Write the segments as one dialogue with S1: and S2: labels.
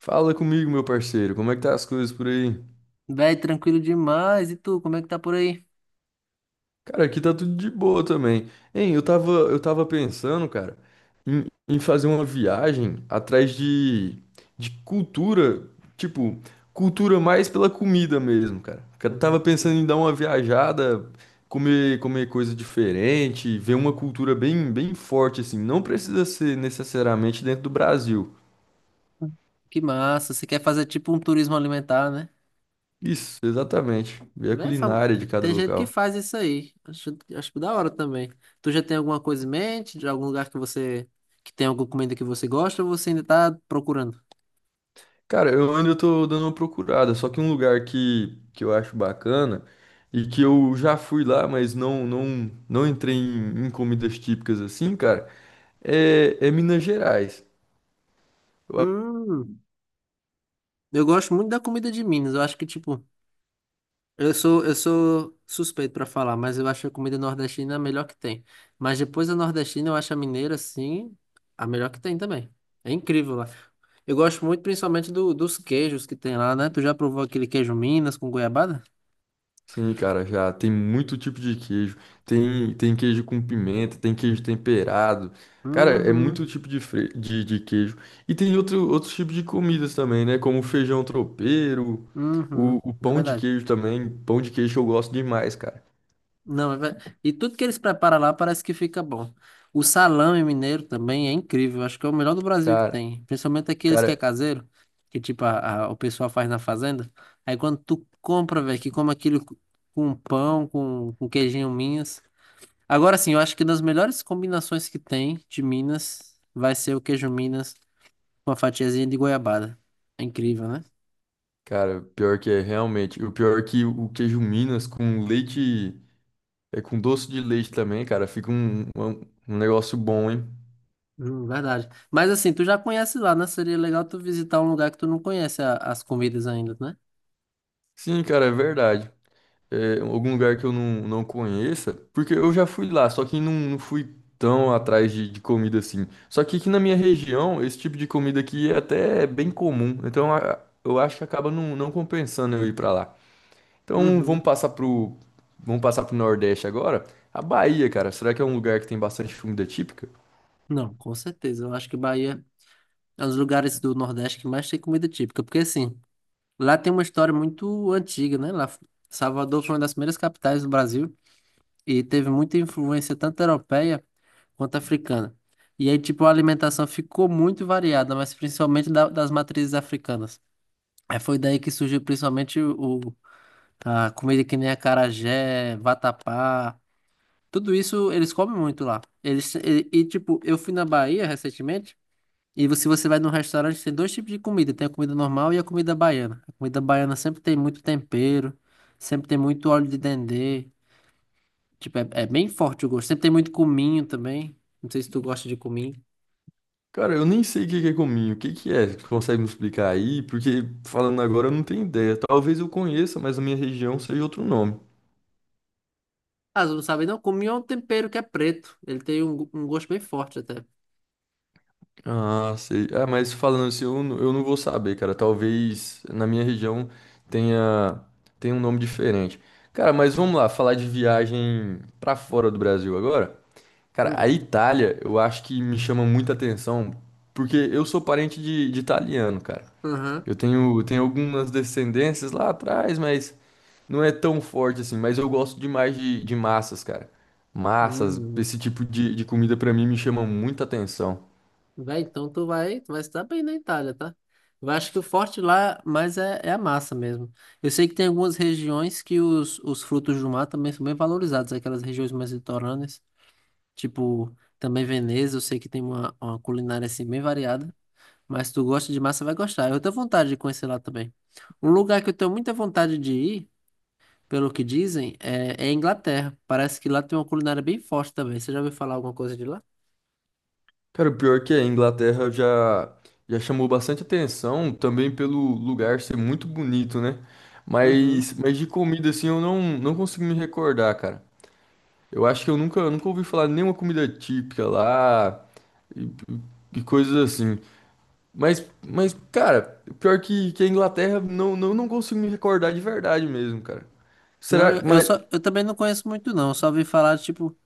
S1: Fala comigo, meu parceiro, como é que tá as coisas por aí?
S2: Véi, tranquilo demais. E tu, como é que tá por aí?
S1: Cara, aqui tá tudo de boa também. Hein, eu tava pensando, cara, em fazer uma viagem atrás de cultura, tipo, cultura mais pela comida mesmo, cara. Eu tava
S2: Hum.
S1: pensando em dar uma viajada, comer coisa diferente, ver uma cultura bem forte, assim. Não precisa ser necessariamente dentro do Brasil.
S2: Que massa. Você quer fazer tipo um turismo alimentar, né?
S1: Isso, exatamente. Ver a
S2: Véi, fam-
S1: culinária de cada
S2: Tem gente que
S1: local.
S2: faz isso aí. Acho da hora também. Tu já tem alguma coisa em mente? De algum lugar que você... Que tem alguma comida que você gosta ou você ainda tá procurando?
S1: Cara, eu ainda tô dando uma procurada, só que um lugar que eu acho bacana e que eu já fui lá, mas não entrei em comidas típicas assim, cara, é Minas Gerais.
S2: Hum, eu gosto muito da comida de Minas. Eu acho que, tipo... Eu sou suspeito pra falar, mas eu acho a comida nordestina é a melhor que tem. Mas depois da nordestina, eu acho a mineira, sim, a melhor que tem também. É incrível lá. Eu gosto muito, principalmente, dos queijos que tem lá, né? Tu já provou aquele queijo Minas com goiabada?
S1: Sim, cara, já tem muito tipo de queijo. Tem queijo com pimenta, tem queijo temperado. Cara, é
S2: Uhum,
S1: muito tipo de queijo. E tem outros tipos de comidas também, né? Como feijão tropeiro, o,
S2: uhum,
S1: o
S2: é
S1: pão de
S2: verdade.
S1: queijo também. Pão de queijo eu gosto demais, cara.
S2: Não, é ver- E tudo que eles preparam lá parece que fica bom. O salame mineiro também é incrível, acho que é o melhor do Brasil que
S1: Cara,
S2: tem. Principalmente aqueles que é
S1: cara,
S2: caseiro, que tipo o pessoal faz na fazenda. Aí quando tu compra, velho, que come aquilo com pão, com queijinho Minas. Agora sim, eu acho que das melhores combinações que tem de Minas vai ser o queijo Minas com a fatiazinha de goiabada. É incrível, né?
S1: Cara, pior que é, realmente. O pior é que o queijo Minas com leite, é com doce de leite também, cara, fica um negócio bom, hein?
S2: Verdade. Mas assim, tu já conhece lá, né? Seria legal tu visitar um lugar que tu não conhece as comidas ainda, né?
S1: Sim, cara, é verdade. É, algum lugar que eu não conheça, porque eu já fui lá, só que não fui tão atrás de comida assim. Só que aqui na minha região, esse tipo de comida aqui é até bem comum, então eu acho que acaba não compensando eu ir pra lá. Então vamos
S2: Uhum.
S1: passar pro, vamos passar pro Nordeste agora. A Bahia, cara, será que é um lugar que tem bastante comida típica?
S2: Não, com certeza. Eu acho que Bahia é um dos lugares do Nordeste que mais tem comida típica, porque assim, lá tem uma história muito antiga, né? Salvador foi uma das primeiras capitais do Brasil e teve muita influência tanto europeia quanto africana. E aí, tipo, a alimentação ficou muito variada, mas principalmente das matrizes africanas. Aí foi daí que surgiu principalmente a comida que nem acarajé, vatapá, tudo isso eles comem muito lá. Eles, e, tipo, eu fui na Bahia recentemente. Se você vai num restaurante, tem dois tipos de comida. Tem a comida normal e a comida baiana. A comida baiana sempre tem muito tempero, sempre tem muito óleo de dendê. Tipo, é, é bem forte o gosto. Sempre tem muito cominho também. Não sei se tu gosta de cominho.
S1: Cara, eu nem sei o que que é cominho, o que que é? Você consegue me explicar aí? Porque falando agora eu não tenho ideia. Talvez eu conheça, mas a minha região seja outro nome.
S2: Ah, você não sabe não? Cominho é um tempero que é preto. Ele tem um gosto bem forte até.
S1: Ah, sei. Ah, mas falando assim, eu não vou saber, cara. Talvez na minha região tenha, tenha um nome diferente. Cara, mas vamos lá, falar de viagem pra fora do Brasil agora. Cara, a
S2: Hum.
S1: Itália, eu acho que me chama muita atenção, porque eu sou parente de italiano, cara.
S2: Aham.
S1: Eu tenho algumas descendências lá atrás, mas não é tão forte assim. Mas eu gosto demais de massas, cara. Massas,
S2: Hum.
S1: esse tipo de comida pra mim me chama muita atenção.
S2: Vai, então tu vai se dar bem na Itália, tá? Eu acho que o forte lá, mas é, é a massa mesmo. Eu sei que tem algumas regiões que os frutos do mar também são bem valorizados, aquelas regiões mais litorâneas, tipo também Veneza, eu sei que tem uma culinária assim bem variada, mas se tu gosta de massa, vai gostar. Eu tenho vontade de conhecer lá também. Um lugar que eu tenho muita vontade de ir, pelo que dizem, é, é a Inglaterra. Parece que lá tem uma culinária bem forte também. Você já ouviu falar alguma coisa de lá?
S1: Cara, o pior que a Inglaterra já chamou bastante atenção, também pelo lugar ser muito bonito, né?
S2: Uhum.
S1: Mas de comida, assim, eu não consigo me recordar, cara. Eu acho que eu nunca ouvi falar de nenhuma comida típica lá e, e coisas assim. Mas, mas, cara, pior que a Inglaterra, não consigo me recordar de verdade mesmo, cara.
S2: Não,
S1: Será,
S2: eu
S1: mas.
S2: só, eu também não conheço muito não, eu só ouvi falar, tipo,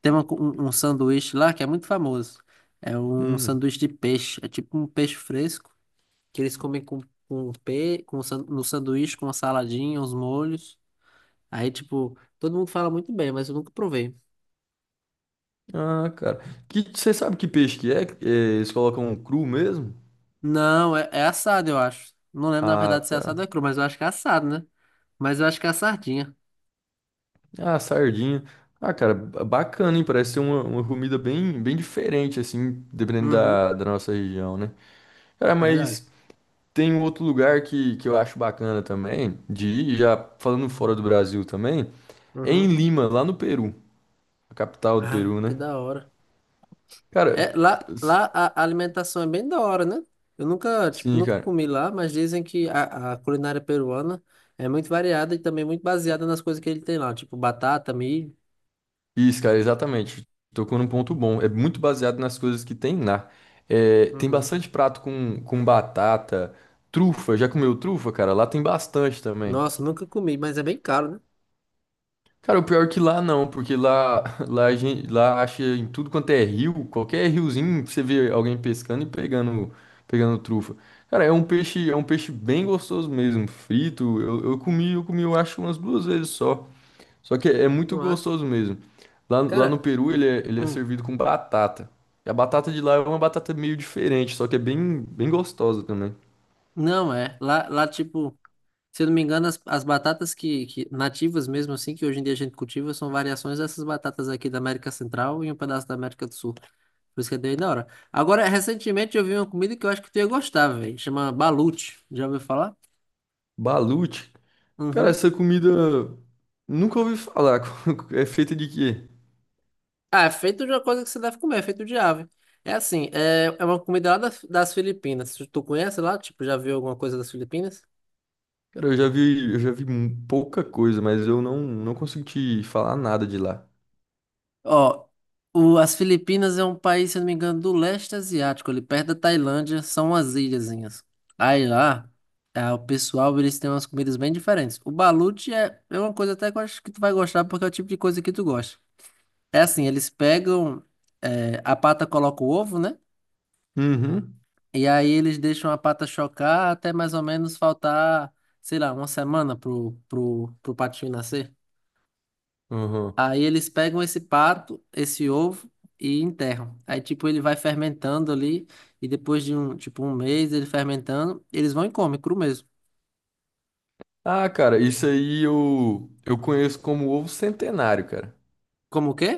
S2: tem uma um sanduíche lá que é muito famoso. É um
S1: Hum.
S2: sanduíche de peixe, é tipo um peixe fresco, que eles comem com, no sanduíche, com uma saladinha, uns molhos. Aí, tipo, todo mundo fala muito bem, mas eu nunca provei.
S1: Ah, cara. Você sabe que peixe que é? É. Eles colocam cru mesmo?
S2: Não, é, é assado, eu acho. Não lembro, na verdade,
S1: Ah,
S2: se é assado ou
S1: tá.
S2: é cru, mas eu acho que é assado, né? Mas eu acho que é a sardinha.
S1: Ah, sardinha. Ah, cara, bacana, hein? Parece ser uma comida bem diferente, assim, dependendo
S2: Uhum,
S1: da nossa região, né? Cara,
S2: é verdade.
S1: mas. Tem um outro lugar que eu acho bacana também, de ir, já falando fora do Brasil também, é em
S2: Uhum.
S1: Lima, lá no Peru, a capital do
S2: Ah,
S1: Peru,
S2: que
S1: né?
S2: da hora.
S1: Cara,
S2: É, lá,
S1: s-
S2: lá a alimentação é bem da hora, né? Eu nunca, tipo,
S1: sim,
S2: nunca
S1: cara.
S2: comi lá, mas dizem que a culinária peruana é muito variada e também muito baseada nas coisas que ele tem lá, tipo batata, milho.
S1: Isso, cara, exatamente. Tocou num ponto bom. É muito baseado nas coisas que tem lá. É, tem
S2: Uhum.
S1: bastante prato com batata, trufa. Já comeu trufa, cara? Lá tem bastante também.
S2: Nossa, nunca comi, mas é bem caro, né?
S1: Cara, o pior é que lá não, porque lá, lá, lá acha em tudo quanto é rio, qualquer riozinho você vê alguém pescando e pegando, trufa. Cara, é um peixe bem gostoso mesmo, frito. Eu comi, eu acho umas duas vezes só. Só que é, muito
S2: Não acho.
S1: gostoso mesmo. Lá no
S2: Cara,
S1: Peru ele é
S2: hum,
S1: servido com batata. E a batata de lá é uma batata meio diferente, só que é bem gostosa também.
S2: não é. Tipo, se eu não me engano, as batatas que nativas mesmo assim, que hoje em dia a gente cultiva, são variações dessas batatas aqui da América Central e um pedaço da América do Sul. Por isso que é bem da hora. Agora, recentemente eu vi uma comida que eu acho que tu ia gostar, velho. Chama balute. Já ouviu falar?
S1: Balut, cara,
S2: Uhum.
S1: essa comida nunca ouvi falar. É feita de quê?
S2: Ah, é feito de uma coisa que você deve comer, é feito de ave. É assim, é, é uma comida lá das Filipinas. Tu conhece lá? Tipo, já viu alguma coisa das Filipinas?
S1: Cara, eu já vi pouca coisa, mas eu não consegui te falar nada de lá.
S2: Ó, as Filipinas é um país, se eu não me engano, do leste asiático, ali perto da Tailândia, são umas ilhazinhas. Aí lá, ah, o pessoal, eles têm umas comidas bem diferentes. O balut é, é uma coisa até que eu acho que tu vai gostar, porque é o tipo de coisa que tu gosta. É assim, eles pegam, a pata coloca o ovo, né?
S1: Uhum.
S2: E aí eles deixam a pata chocar até mais ou menos faltar, sei lá, uma semana pro patinho nascer.
S1: Uhum.
S2: Aí eles pegam esse pato, esse ovo e enterram. Aí tipo ele vai fermentando ali e depois de um, tipo um mês ele fermentando, eles vão e comem cru mesmo.
S1: Ah, cara, isso aí eu conheço como ovo centenário, cara.
S2: Como o quê?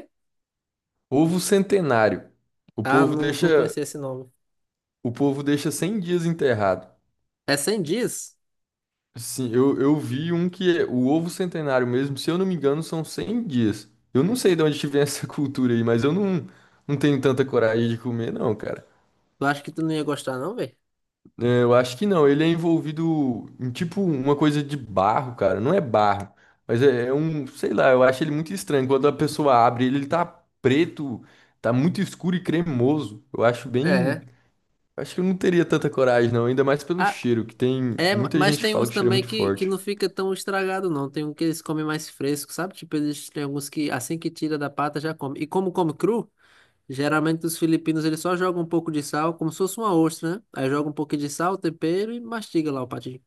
S1: Ovo centenário. O
S2: Ah,
S1: povo
S2: não, não
S1: deixa,
S2: conhecia esse nome.
S1: o povo deixa 100 dias enterrado.
S2: É 100 dias?
S1: Sim, eu vi um que é o ovo centenário mesmo, se eu não me engano, são 100 dias. Eu não sei de onde que vem essa cultura aí, mas eu não tenho tanta coragem de comer, não, cara.
S2: Eu acho que tu não ia gostar não, velho.
S1: É, eu acho que não. Ele é envolvido em tipo uma coisa de barro, cara. Não é barro, mas é um, sei lá, eu acho ele muito estranho. Quando a pessoa abre ele, ele tá preto, tá muito escuro e cremoso. Eu acho bem.
S2: É.
S1: Acho que eu não teria tanta coragem, não. Ainda mais pelo
S2: Ah,
S1: cheiro, que tem
S2: é,
S1: muita
S2: mas
S1: gente que
S2: tem
S1: fala
S2: uns
S1: que o cheiro é
S2: também
S1: muito
S2: que
S1: forte.
S2: não fica tão estragado não. Tem um que eles comem mais fresco, sabe? Tipo eles tem alguns que assim que tira da pata já come. E como come cru? Geralmente os filipinos eles só jogam um pouco de sal, como se fosse uma ostra, né? Aí joga um pouquinho de sal, tempero e mastiga lá o patinho.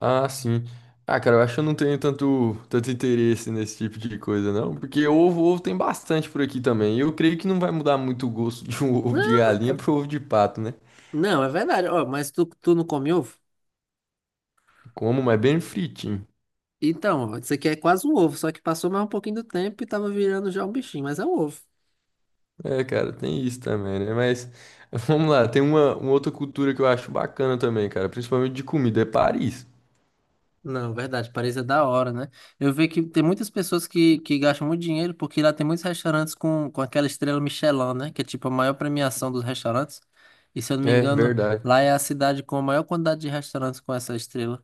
S1: Ah, sim. Ah, cara, eu acho que eu não tenho tanto, tanto interesse nesse tipo de coisa, não. Porque ovo tem bastante por aqui também. E eu creio que não vai mudar muito o gosto de um ovo de
S2: Não,
S1: galinha
S2: é,
S1: pro ovo de pato, né?
S2: não, é verdade. Ó, mas tu não come ovo?
S1: Como, mas bem fritinho.
S2: Então, ó, isso aqui é quase um ovo, só que passou mais um pouquinho do tempo e tava virando já um bichinho, mas é um ovo.
S1: É, cara, tem isso também, né? Mas vamos lá, tem uma outra cultura que eu acho bacana também, cara, principalmente de comida, é Paris.
S2: Não, verdade, parece da hora, né? Eu vejo que tem muitas pessoas que gastam muito dinheiro porque lá tem muitos restaurantes com aquela estrela Michelin, né? Que é tipo a maior premiação dos restaurantes. E se eu não me
S1: É,
S2: engano,
S1: verdade.
S2: lá é a cidade com a maior quantidade de restaurantes com essa estrela.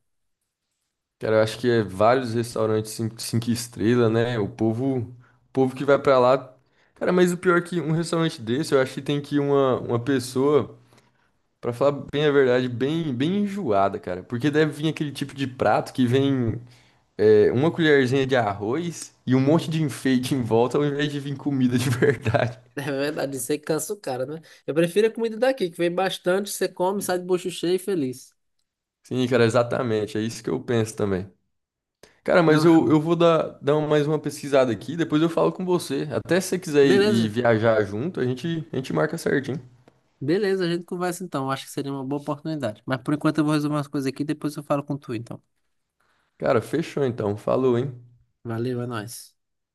S1: Cara, eu acho que é vários restaurantes cinco estrelas, né? O povo que vai pra lá. Cara, mas o pior é que um restaurante desse, eu acho que tem que ir uma pessoa, pra falar bem a verdade, bem enjoada, cara. Porque deve vir aquele tipo de prato que vem. É, uma colherzinha de arroz e um monte de enfeite em volta ao invés de vir comida de verdade.
S2: É verdade, isso aí cansa o cara, né? Eu prefiro a comida daqui, que vem bastante, você come, sai de bucho cheio e feliz.
S1: Sim, cara, exatamente. É isso que eu penso também. Cara, mas
S2: Não,
S1: eu,
S2: show.
S1: eu vou dar mais uma pesquisada aqui, depois eu falo com você. Até se você quiser ir
S2: Beleza,
S1: viajar junto, a gente marca certinho.
S2: beleza, a gente conversa então. Acho que seria uma boa oportunidade. Mas por enquanto eu vou resolver umas coisas aqui, depois eu falo com tu, então.
S1: Cara, fechou então. Falou, hein?
S2: Valeu, é nóis.